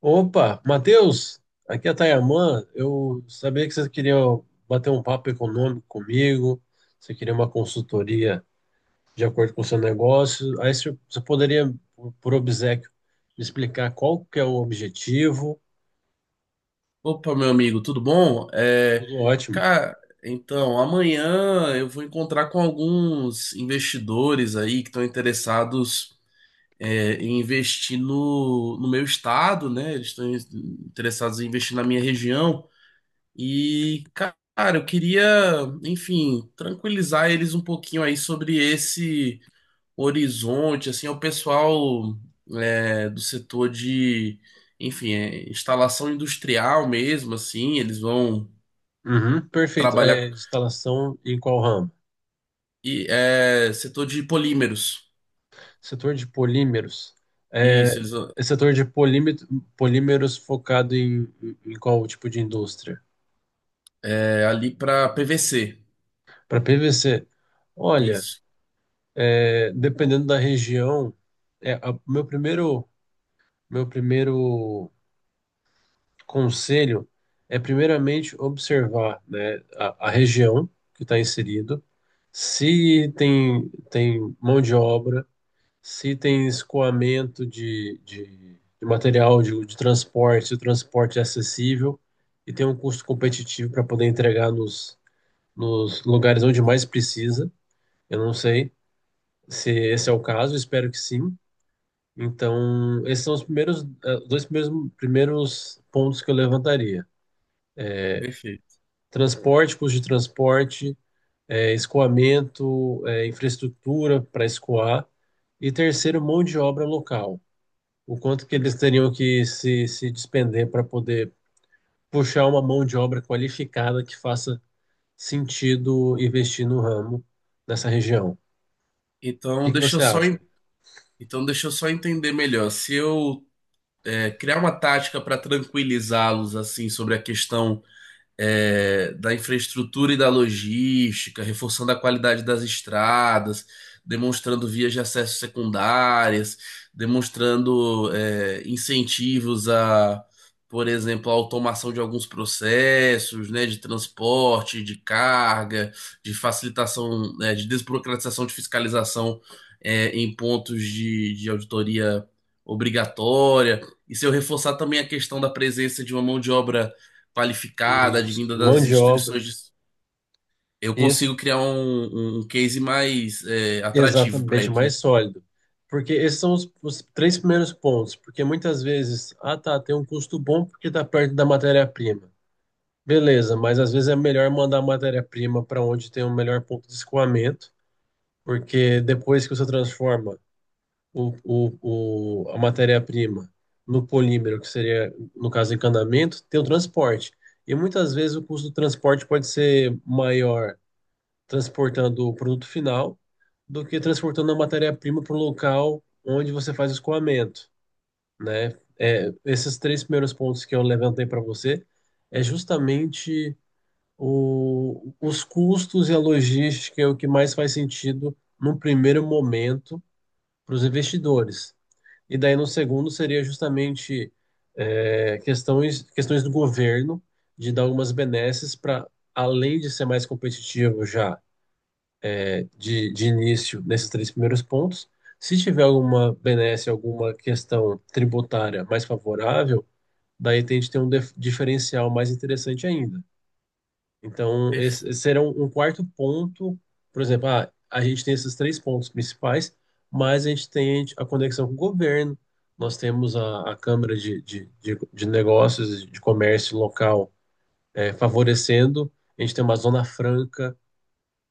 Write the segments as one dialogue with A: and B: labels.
A: Opa, Matheus, aqui é a Tayamã. Eu sabia que você queria bater um papo econômico comigo, você queria uma consultoria de acordo com o seu negócio. Aí você poderia, por obséquio, me explicar qual que é o objetivo.
B: Opa, meu amigo, tudo bom?
A: Tudo ótimo.
B: Cara, então, amanhã eu vou encontrar com alguns investidores aí que estão interessados em investir no meu estado, né? Eles estão interessados em investir na minha região. E, cara, eu queria, enfim, tranquilizar eles um pouquinho aí sobre esse. Horizonte, assim, é o pessoal do setor de, enfim, instalação industrial mesmo, assim, eles vão
A: Uhum, perfeito.
B: trabalhar com-
A: Instalação em qual ramo?
B: setor de polímeros.
A: Setor de polímeros.
B: Isso,
A: É,
B: eles vão-
A: setor de polímeros focado em, em qual tipo de indústria?
B: ali para PVC.
A: Para PVC.
B: Isso,
A: É, dependendo da região, é, a- meu primeiro, meu primeiro conselho é primeiramente observar, né, a região que está inserido, se tem, tem mão de obra, se tem escoamento de material de transporte, se o transporte é acessível e tem um custo competitivo para poder entregar nos lugares onde mais precisa. Eu não sei se esse é o caso, espero que sim. Então, esses são os primeiros, primeiros pontos que eu levantaria.
B: perfeito.
A: Transporte, custo de transporte, escoamento, infraestrutura para escoar. E terceiro, mão de obra local. O quanto que eles teriam que se despender para poder puxar uma mão de obra qualificada que faça sentido investir no ramo nessa região. O
B: Então,
A: que que
B: deixa eu
A: você
B: só en-
A: acha?
B: então deixa eu só entender melhor. Se eu criar uma tática para tranquilizá-los assim sobre a questão da infraestrutura e da logística, reforçando a qualidade das estradas, demonstrando vias de acesso secundárias, demonstrando incentivos a, por exemplo, a automação de alguns processos, né, de transporte, de carga, de facilitação, né, de desburocratização de fiscalização em pontos de auditoria obrigatória. E se eu reforçar também a questão da presença de uma mão de obra qualificada,
A: Isso,
B: advinda
A: mão
B: das
A: de obra.
B: instituições, de- eu
A: Isso.
B: consigo criar um case mais atrativo para
A: Exatamente,
B: eles,
A: mais
B: né?
A: sólido. Porque esses são os três primeiros pontos. Porque muitas vezes, ah tá, tem um custo bom porque está perto da matéria-prima. Beleza, mas às vezes é melhor mandar a matéria-prima para onde tem o melhor ponto de escoamento, porque depois que você transforma a matéria-prima no polímero, que seria, no caso, encanamento, tem o transporte. E muitas vezes o custo do transporte pode ser maior transportando o produto final do que transportando a matéria-prima para o local onde você faz o escoamento, né? É, esses três primeiros pontos que eu levantei para você é justamente os custos e a logística é o que mais faz sentido num primeiro momento para os investidores. E daí no segundo seria justamente questões do governo de dar algumas benesses para, além de ser mais competitivo já de início nesses três primeiros pontos. Se tiver alguma benesse, alguma questão tributária mais favorável, daí a gente tem um diferencial mais interessante ainda. Então,
B: Perf-
A: esse será um quarto ponto, por exemplo, ah, a gente tem esses três pontos principais, mas a gente tem a conexão com o governo, nós temos a Câmara de Negócios, de Comércio Local, favorecendo, a gente tem uma Zona Franca,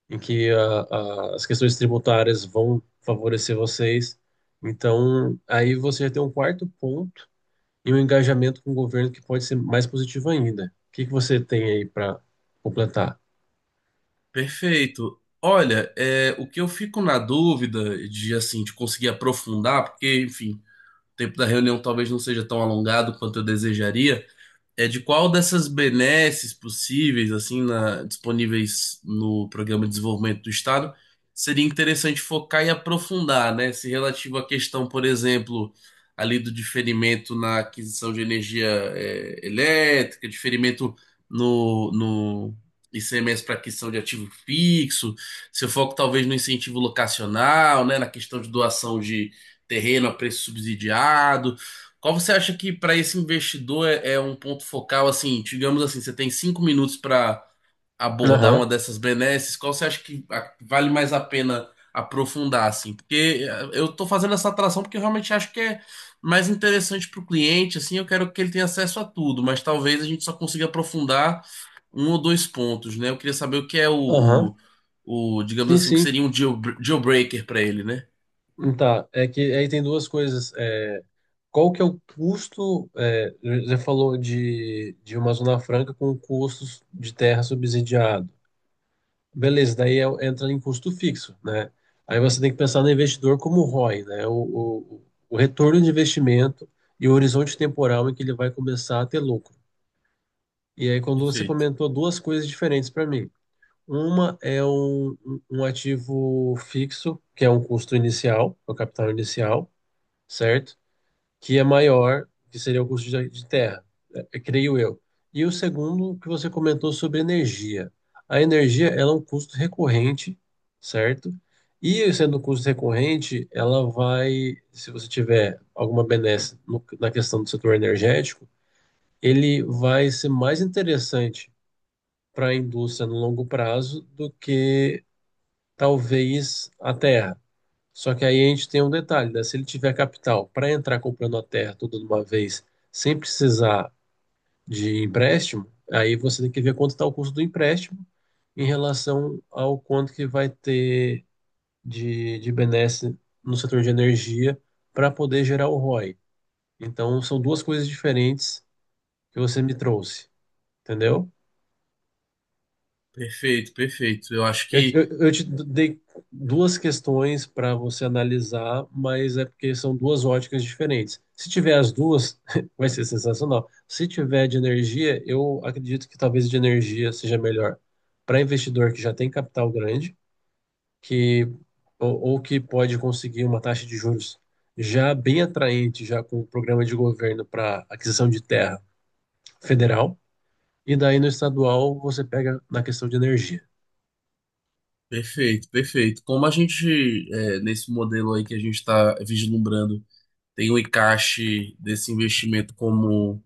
A: em que as questões tributárias vão favorecer vocês. Então, aí você já tem um quarto ponto e um engajamento com o governo que pode ser mais positivo ainda. O que que você tem aí para completar?
B: Perfeito. Olha, o que eu fico na dúvida de assim de conseguir aprofundar, porque, enfim, o tempo da reunião talvez não seja tão alongado quanto eu desejaria. É de qual dessas benesses possíveis, assim, na- disponíveis no Programa de Desenvolvimento do Estado, seria interessante focar e aprofundar, né? Se relativo à questão, por exemplo, ali do diferimento na aquisição de energia elétrica, diferimento no ICMS para aquisição de ativo fixo, seu foco talvez no incentivo locacional, né? Na questão de doação de terreno a preço subsidiado. Qual você acha que para esse investidor é um ponto focal, assim, digamos assim, você tem 5 minutos para abordar uma
A: Aham.
B: dessas benesses, qual você acha que a- vale mais a pena aprofundar, assim? Porque eu estou fazendo essa atração porque eu realmente acho que é mais interessante para o cliente, assim, eu quero que ele tenha acesso a tudo, mas talvez a gente só consiga aprofundar um ou dois pontos, né? Eu queria saber o que é o,
A: Aham.
B: o, o, digamos
A: Sim,
B: assim, o que
A: sim.
B: seria um deal breaker para ele, né?
A: Tá, é que aí tem duas coisas. É, qual que é o custo? É, já falou de uma zona franca com custos de terra subsidiado. Beleza, daí entra em custo fixo, né? Aí você tem que pensar no investidor como ROI, né? O, o retorno de investimento e o horizonte temporal em que ele vai começar a ter lucro. E aí, quando você
B: Perfeito,
A: comentou duas coisas diferentes para mim. Uma é um ativo fixo, que é um custo inicial, é o capital inicial, certo? Que é maior, que seria o custo de terra, creio eu. E o segundo que você comentou sobre energia. A energia, ela é um custo recorrente, certo? E sendo um custo recorrente, ela vai, se você tiver alguma benesse na questão do setor energético, ele vai ser mais interessante para a indústria no longo prazo do que talvez a terra. Só que aí a gente tem um detalhe, né? Se ele tiver capital para entrar comprando a terra toda de uma vez, sem precisar de empréstimo, aí você tem que ver quanto está o custo do empréstimo em relação ao quanto que vai ter de benesse no setor de energia para poder gerar o ROI. Então, são duas coisas diferentes que você me trouxe, entendeu?
B: perfeito. Eu acho que
A: Eu te dei duas questões para você analisar, mas é porque são duas óticas diferentes. Se tiver as duas, vai ser sensacional. Se tiver de energia, eu acredito que talvez de energia seja melhor para investidor que já tem capital grande, que ou que pode conseguir uma taxa de juros já bem atraente, já com o programa de governo para aquisição de terra federal, e daí no estadual você pega na questão de energia.
B: perfeito, perfeito. Como a gente, nesse modelo aí que a gente está vislumbrando, tem o encaixe desse investimento como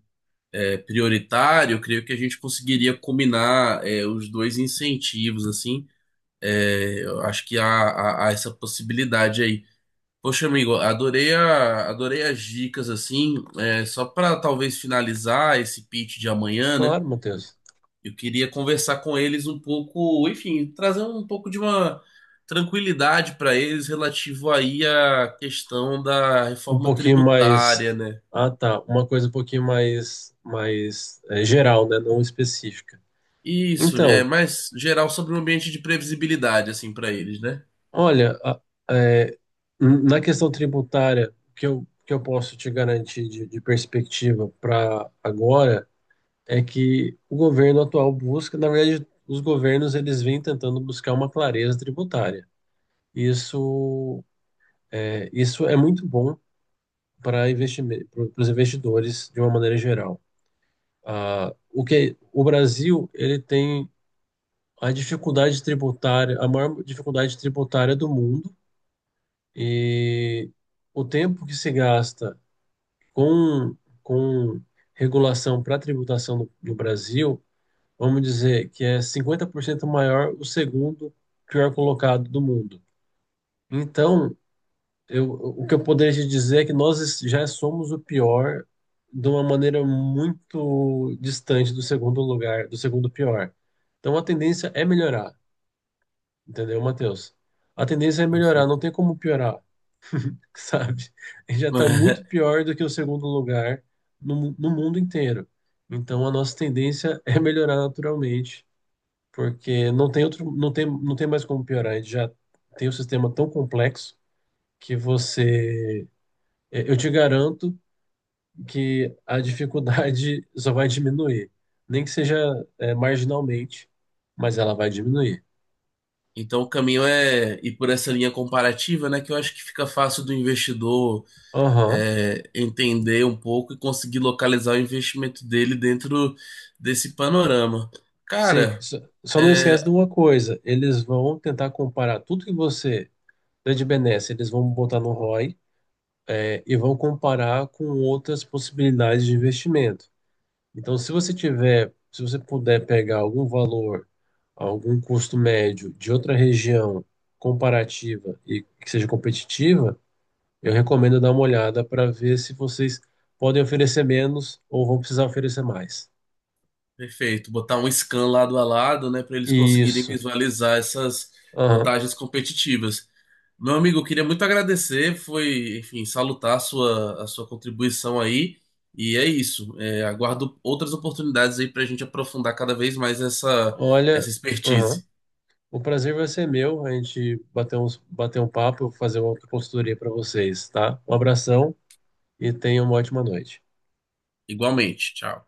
B: prioritário, eu creio que a gente conseguiria combinar os dois incentivos, assim. É, eu acho que há essa possibilidade aí. Poxa, amigo, adorei as dicas, assim. É, só para talvez finalizar esse pitch de amanhã, né?
A: Claro, Matheus.
B: Eu queria conversar com eles um pouco, enfim, trazer um pouco de uma tranquilidade para eles relativo aí à questão da
A: Um
B: reforma
A: pouquinho
B: tributária,
A: mais.
B: né?
A: Ah, tá. Uma coisa um pouquinho mais, mais geral, né? Não específica.
B: Isso, é
A: Então,
B: mais geral sobre o ambiente de previsibilidade, assim, para eles, né?
A: olha, a- é, na questão tributária, que eu posso te garantir de perspectiva para agora é que o governo atual busca, na verdade, os governos eles vêm tentando buscar uma clareza tributária. Isso isso é muito bom para os investidores de uma maneira geral. Ah, o que o Brasil ele tem a dificuldade tributária, a maior dificuldade tributária do mundo e o tempo que se gasta com com regulação para tributação no Brasil, vamos dizer que é 50% maior o segundo pior colocado do mundo. Então, eu, o que eu poderia te dizer é que nós já somos o pior de uma maneira muito distante do segundo lugar, do segundo pior. Então a tendência é melhorar, entendeu, Matheus? A tendência é melhorar, não
B: Perfeito.
A: tem como piorar, sabe? A gente já está muito pior do que o segundo lugar no, no mundo inteiro. Então a nossa tendência é melhorar naturalmente, porque não tem outro, não tem, não tem mais como piorar. A gente já tem um sistema tão complexo que você eu te garanto que a dificuldade só vai diminuir. Nem que seja, marginalmente, mas ela vai diminuir.
B: Então o caminho é ir por essa linha comparativa, né? Que eu acho que fica fácil do investidor
A: Aham,
B: entender um pouco e conseguir localizar o investimento dele dentro desse panorama.
A: sim.
B: Cara.
A: Só não esquece de
B: é,
A: uma coisa: eles vão tentar comparar tudo que você dá de benesse, eles vão botar no ROI, e vão comparar com outras possibilidades de investimento. Então, se você tiver, se você puder pegar algum valor, algum custo médio de outra região comparativa e que seja competitiva. Eu recomendo dar uma olhada para ver se vocês podem oferecer menos ou vão precisar oferecer mais.
B: Perfeito, botar um scan lado a lado, né, para eles conseguirem
A: Isso.
B: visualizar essas
A: Aham.
B: vantagens competitivas. Meu amigo, eu queria muito agradecer, foi, enfim, salutar a a sua contribuição aí, e é isso. É, aguardo outras oportunidades aí para a gente aprofundar cada vez mais
A: Olha,
B: essa
A: aham.
B: expertise.
A: O prazer vai ser meu. A gente bater uns, bater um papo, fazer uma consultoria para vocês, tá? Um abração e tenham uma ótima noite.
B: Igualmente, tchau.